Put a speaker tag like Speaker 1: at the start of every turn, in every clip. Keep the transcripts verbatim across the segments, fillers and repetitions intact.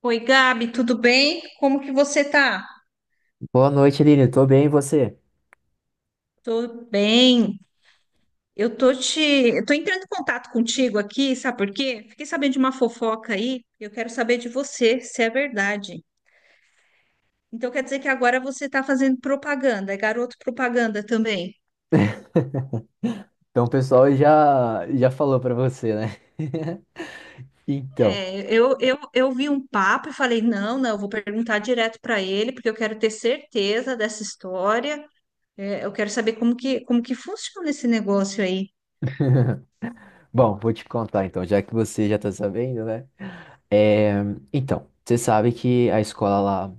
Speaker 1: Oi, Gabi, tudo bem? Como que você tá?
Speaker 2: Boa noite, Aline. Tô bem, e você?
Speaker 1: Tô bem. Eu tô te, eu tô entrando em contato contigo aqui, sabe por quê? Fiquei sabendo de uma fofoca aí, e eu quero saber de você se é verdade. Então quer dizer que agora você tá fazendo propaganda, é garoto propaganda também.
Speaker 2: Então, o pessoal já, já falou pra você, né? Então,
Speaker 1: É, eu, eu, eu vi um papo e falei, não, não, eu vou perguntar direto para ele, porque eu quero ter certeza dessa história. É, eu quero saber como que, como que funciona esse negócio aí.
Speaker 2: bom, vou te contar então, já que você já tá sabendo, né? É, então, você sabe que a escola lá,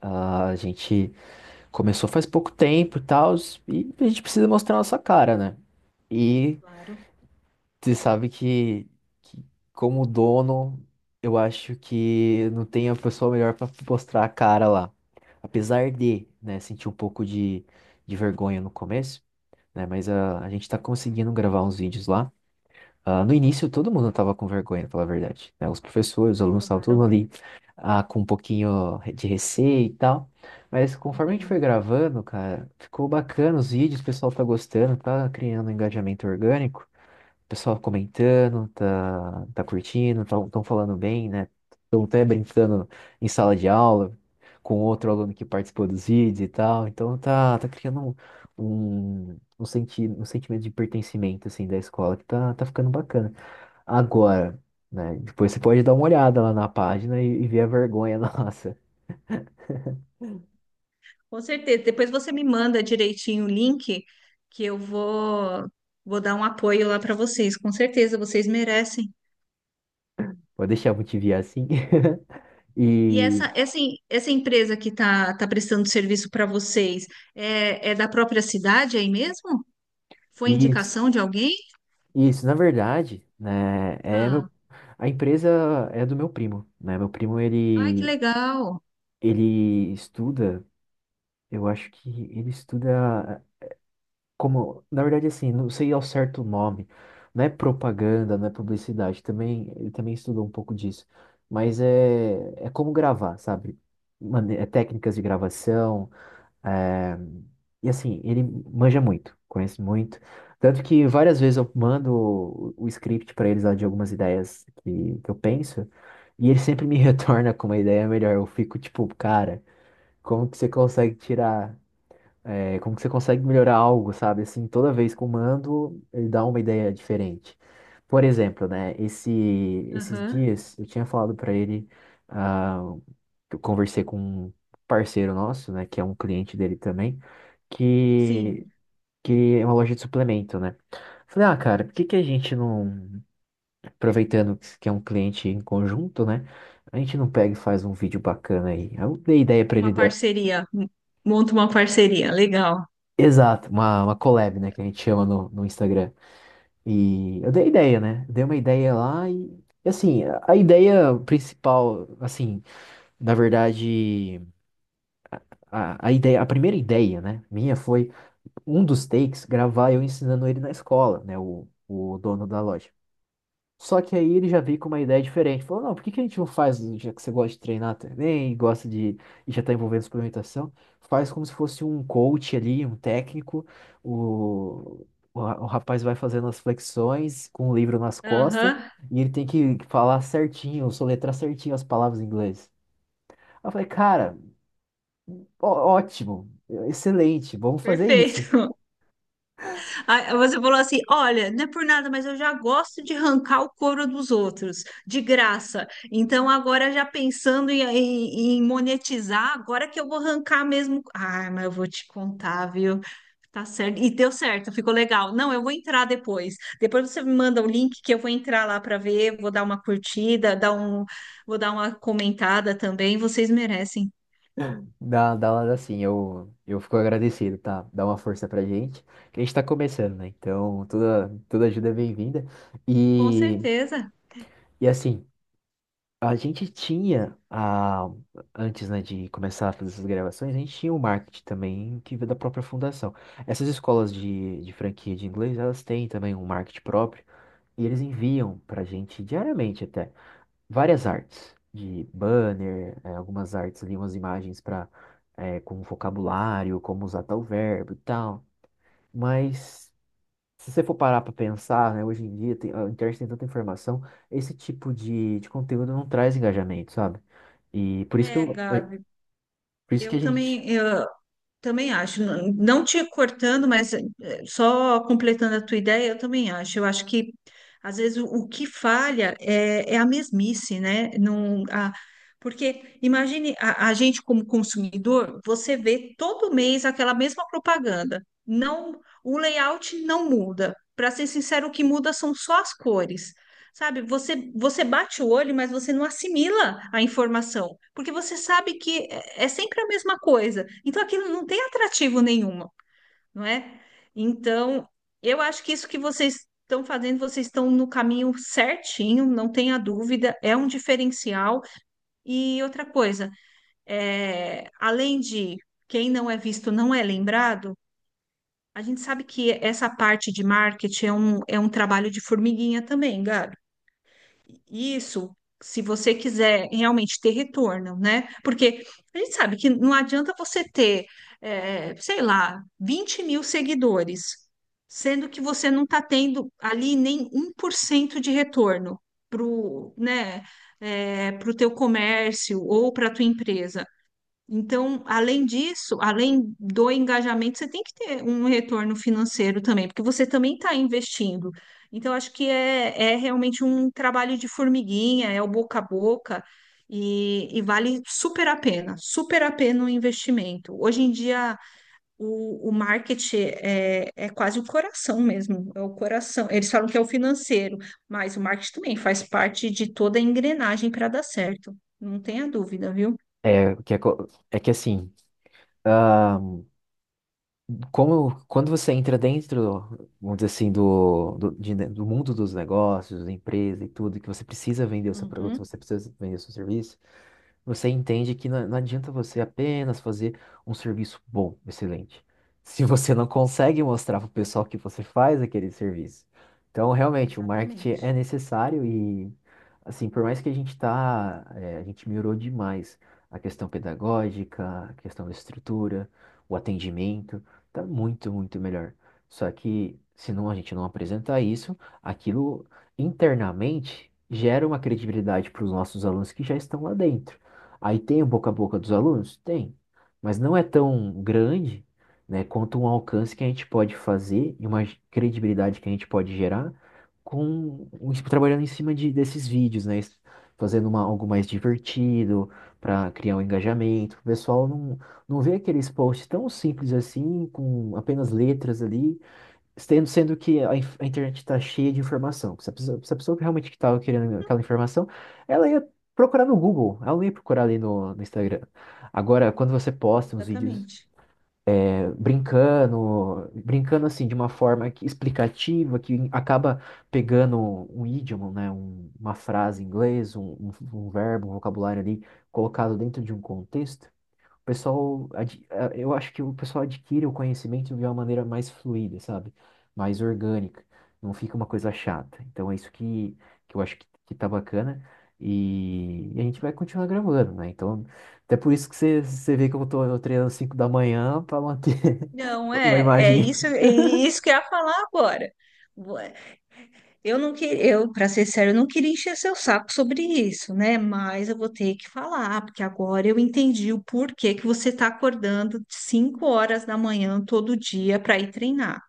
Speaker 2: a gente começou faz pouco tempo e tal, e a gente precisa mostrar a nossa cara, né? E
Speaker 1: Claro,
Speaker 2: você sabe que, que como dono, eu acho que não tem a pessoa melhor para mostrar a cara lá. Apesar de, né, sentir um pouco de, de vergonha no começo, né, mas ah, a gente tá conseguindo gravar uns vídeos lá. Ah, no início, todo mundo tava com vergonha, pra falar a verdade, né? Os professores, os alunos estavam todo
Speaker 1: claro,
Speaker 2: mundo ali ah, com um pouquinho de receio e tal. Mas conforme a gente
Speaker 1: entendo.
Speaker 2: foi gravando, cara, ficou bacana os vídeos, o pessoal tá gostando, tá criando um engajamento orgânico. O pessoal comentando, tá, tá curtindo, estão falando bem, né? Estão até brincando em sala de aula com outro aluno que participou dos vídeos e tal. Então tá, tá criando um, um, um, senti um sentimento de pertencimento assim, da escola que tá, tá ficando bacana. Agora, né? Depois você pode dar uma olhada lá na página e, e ver a vergonha nossa.
Speaker 1: Com certeza. Depois você me manda direitinho o link que eu vou vou dar um apoio lá para vocês. Com certeza, vocês merecem.
Speaker 2: Pode deixar eu te enviar assim.
Speaker 1: E
Speaker 2: E
Speaker 1: essa essa, em- essa empresa que tá, tá prestando serviço para vocês é, é da própria cidade aí mesmo? Foi
Speaker 2: isso.
Speaker 1: indicação de alguém?
Speaker 2: Isso, na verdade, né, é
Speaker 1: Ah,
Speaker 2: meu, a empresa é do meu primo, né? Meu primo
Speaker 1: ai, que
Speaker 2: ele
Speaker 1: legal.
Speaker 2: ele estuda, eu acho que ele estuda como, na verdade assim, não sei ao certo o nome, não é propaganda, não é publicidade, também ele também estudou um pouco disso, mas é é como gravar, sabe? Mane- é técnicas de gravação, é, e assim, ele manja muito, conhece muito. Tanto que várias vezes eu mando o, o script para eles lá de algumas ideias que, que eu penso, e ele sempre me retorna com uma ideia melhor. Eu fico tipo, cara, como que você consegue tirar, é, como que você consegue melhorar algo, sabe? Assim, toda vez que eu mando, ele dá uma ideia diferente. Por exemplo, né, esse, esses
Speaker 1: Aham.
Speaker 2: dias eu tinha falado para ele. Ah, que eu conversei com um parceiro nosso, né, que é um cliente dele também, que,
Speaker 1: Sim,
Speaker 2: que é uma loja de suplemento, né? Falei, ah, cara, por que que a gente não, aproveitando que é um cliente em conjunto, né? A gente não pega e faz um vídeo bacana aí. Aí eu dei ideia pra
Speaker 1: uma
Speaker 2: ele da.
Speaker 1: parceria. Monta uma parceria. Legal.
Speaker 2: Exato, uma, uma collab, né, que a gente chama no, no Instagram. E eu dei ideia, né? Dei uma ideia lá e, e assim, a a ideia principal, assim, na verdade, a, a ideia, a primeira ideia, né, minha foi um dos takes, gravar eu ensinando ele na escola, né? O, o dono da loja. Só que aí ele já veio com uma ideia diferente. Falou, não, por que que a gente não faz, já que você gosta de treinar também, gosta de, e já está envolvendo suplementação, faz como se fosse um coach ali, um técnico, o, o, ra- o rapaz vai fazendo as flexões com o livro nas costas,
Speaker 1: Aham.
Speaker 2: e ele tem que falar certinho, soletrar certinho as palavras em inglês. Aí eu falei, cara, ó- ótimo, excelente, vamos fazer isso.
Speaker 1: Perfeito. Aí você falou assim: olha, não é por nada, mas eu já gosto de arrancar o couro dos outros, de graça. Então, agora já pensando em, em- em monetizar, agora que eu vou arrancar mesmo. Ah, mas eu vou te contar, viu? Tá certo. E deu certo, ficou legal. Não, eu vou entrar depois. Depois você me manda o link que eu vou entrar lá para ver, vou dar uma curtida, dar um, vou dar uma comentada também. Vocês merecem.
Speaker 2: Dá, dá uma assim, eu, eu fico agradecido, tá? Dá uma força pra gente, que a gente tá começando, né? Então, toda, toda ajuda é bem-vinda.
Speaker 1: Com
Speaker 2: E,
Speaker 1: certeza.
Speaker 2: e assim, a gente tinha, a, antes, né, de começar a fazer essas gravações, a gente tinha o marketing também, que veio da própria fundação. Essas escolas de, de franquia de inglês, elas têm também um marketing próprio, e eles enviam pra gente diariamente até várias artes de banner, eh, algumas artes ali, umas imagens para com um vocabulário, como usar tal verbo e tal. Mas se você for parar para pensar, né, hoje em dia tem, a internet tem tanta informação, esse tipo de, de conteúdo não traz engajamento, sabe? E por isso que
Speaker 1: É,
Speaker 2: eu, é,
Speaker 1: Gabi,
Speaker 2: por isso que
Speaker 1: eu
Speaker 2: a gente
Speaker 1: também. Eu, também acho, não não te cortando, mas eh, só completando a tua ideia, eu também acho. Eu acho que às vezes o, o que falha é, é a mesmice, né? Não, a, Porque imagine a, a gente como consumidor, você vê todo mês aquela mesma propaganda. Não, o layout não muda. Para ser sincero, o que muda são só as cores. Sabe, você, você bate o olho, mas você não assimila a informação, porque você sabe que é é sempre a mesma coisa. Então aquilo não tem atrativo nenhuma, não é? Então, eu acho que isso que vocês estão fazendo, vocês estão no caminho certinho, não tenha dúvida, é um diferencial. E outra coisa, é, além de quem não é visto não é lembrado, a gente sabe que essa parte de marketing é um, é um trabalho de formiguinha também, Gabi. Isso, se você quiser realmente ter retorno, né? Porque a gente sabe que não adianta você ter, eh, sei lá, vinte mil seguidores, sendo que você não está tendo ali nem um por cento de retorno para o, né, para o teu comércio ou para a tua empresa. Então, além disso, além do engajamento, você tem que ter um retorno financeiro também, porque você também está investindo. Então, acho que é, é realmente um trabalho de formiguinha, é o boca a boca, e, e vale super a pena, super a pena o investimento. Hoje em dia, o, o marketing é, é quase o coração mesmo, é o coração. Eles falam que é o financeiro, mas o marketing também faz parte de toda a engrenagem para dar certo, não tenha dúvida, viu?
Speaker 2: é que é, co- é que assim ah, como, quando você entra dentro, vamos dizer assim, do, do, de do mundo dos negócios, da empresa e tudo, que você precisa vender o seu produto,
Speaker 1: Uhum.
Speaker 2: você precisa vender o seu serviço, você entende que não, não adianta você apenas fazer um serviço bom, excelente, se você não consegue mostrar para o pessoal que você faz aquele serviço. Então, realmente, o marketing é
Speaker 1: Exatamente,
Speaker 2: necessário e, assim, por mais que a gente tá, é, a gente melhorou demais a questão pedagógica, a questão da estrutura, o atendimento. Tá muito, muito melhor. Só que se não a gente não apresentar isso, aquilo internamente gera uma credibilidade para os nossos alunos que já estão lá dentro. Aí tem o boca a boca dos alunos? Tem. Mas não é tão grande, né, quanto um alcance que a gente pode fazer e uma credibilidade que a gente pode gerar com trabalhando em cima de, desses vídeos, né? Fazendo uma, algo mais divertido, para criar um engajamento. O pessoal não, não vê aqueles posts tão simples assim, com apenas letras ali, sendo sendo que a, inf- a internet está cheia de informação. Se a pessoa, se a pessoa realmente que estava querendo aquela informação, ela ia procurar no Google, ela não ia procurar ali no, no Instagram. Agora, quando você posta uns vídeos
Speaker 1: exatamente.
Speaker 2: eh, brincando, brincando assim, de uma forma que- explicativa, que acaba pegando um idioma, né, um- uma frase em inglês, um, um um verbo, um vocabulário ali, colocado dentro de um contexto. O pessoal, ad- eh, eu acho que o pessoal adquire o conhecimento de uma maneira mais fluida, sabe? Mais orgânica. Não fica uma coisa chata. Então é isso que, que eu acho que, que tá bacana. E, e a gente vai continuar gravando, né? Então, até por isso que você, você vê que eu tô eu treinando cinco da manhã para manter
Speaker 1: Não,
Speaker 2: uma
Speaker 1: é, é
Speaker 2: imagem.
Speaker 1: isso, é isso que eu ia falar agora. Ué, Eu não que, eu, para ser sério, eu não queria encher seu saco sobre isso, né? Mas eu vou ter que falar, porque agora eu entendi o porquê que você está acordando de cinco horas da manhã horas da manhã todo dia para ir treinar.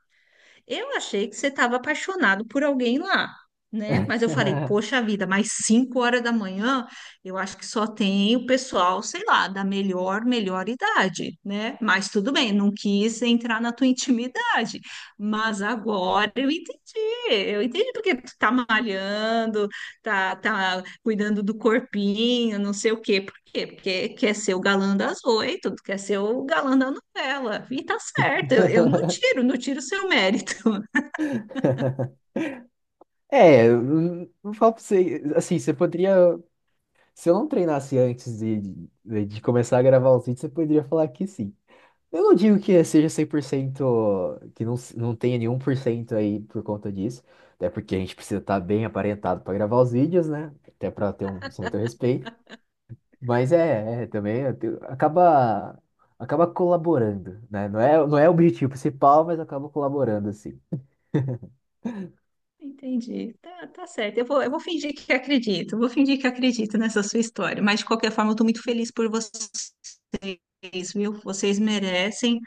Speaker 1: Eu achei que você estava apaixonado por alguém lá, né? Mas eu falei, poxa vida, mais cinco horas da manhã, eu acho que só tem o pessoal, sei lá, da melhor, melhor idade, né? Mas tudo bem, não quis entrar na tua intimidade. Mas agora eu entendi, eu entendi porque tu tá malhando, tá, tá cuidando do corpinho, não sei o quê. Por quê? Porque quer ser o galã das oito, quer ser o galã da novela. E tá certo, eu, eu não tiro, não tiro o seu mérito.
Speaker 2: É, eu não não falo pra você, assim, você poderia, se eu não treinasse antes de, de, de começar a gravar os vídeos, você poderia falar que sim. Eu não digo que seja cem por cento, que não, se- não tenha nenhum por cento aí por conta disso, até porque a gente precisa estar bem aparentado para gravar os vídeos, né? Até para ter um certo respeito. Mas é, é, também eu tenho- acaba, acaba colaborando, né? Não é, não é o objetivo principal, mas acaba colaborando, assim.
Speaker 1: Entendi. Tá, tá certo. Eu vou, eu vou fingir que acredito. Vou fingir que acredito nessa sua história. Mas, de qualquer forma, eu estou muito feliz por vocês, viu? Vocês merecem,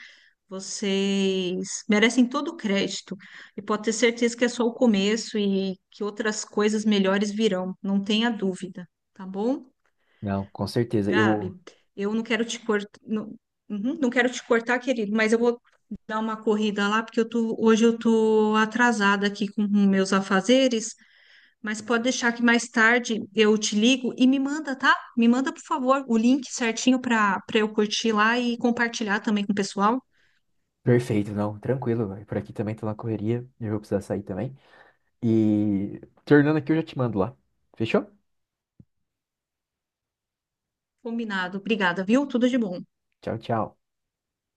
Speaker 1: vocês merecem todo o crédito. E pode ter certeza que é só o começo e que outras coisas melhores virão. Não tenha dúvida, tá bom?
Speaker 2: Não, com certeza. Eu.
Speaker 1: Gabi, eu não quero te cortar, não, uhum, não quero te cortar, querido, mas eu vou dar uma corrida lá, porque eu tô, hoje eu tô atrasada aqui com meus afazeres. Mas pode deixar que mais tarde eu te ligo e me manda, tá? Me manda, por favor, o link certinho para para eu curtir lá e compartilhar também com o pessoal.
Speaker 2: Perfeito, não, tranquilo, velho. Por aqui também tô na correria, eu vou precisar sair também. E tornando aqui, eu já te mando lá. Fechou?
Speaker 1: Combinado. Obrigada, viu? Tudo de bom.
Speaker 2: Tchau, tchau.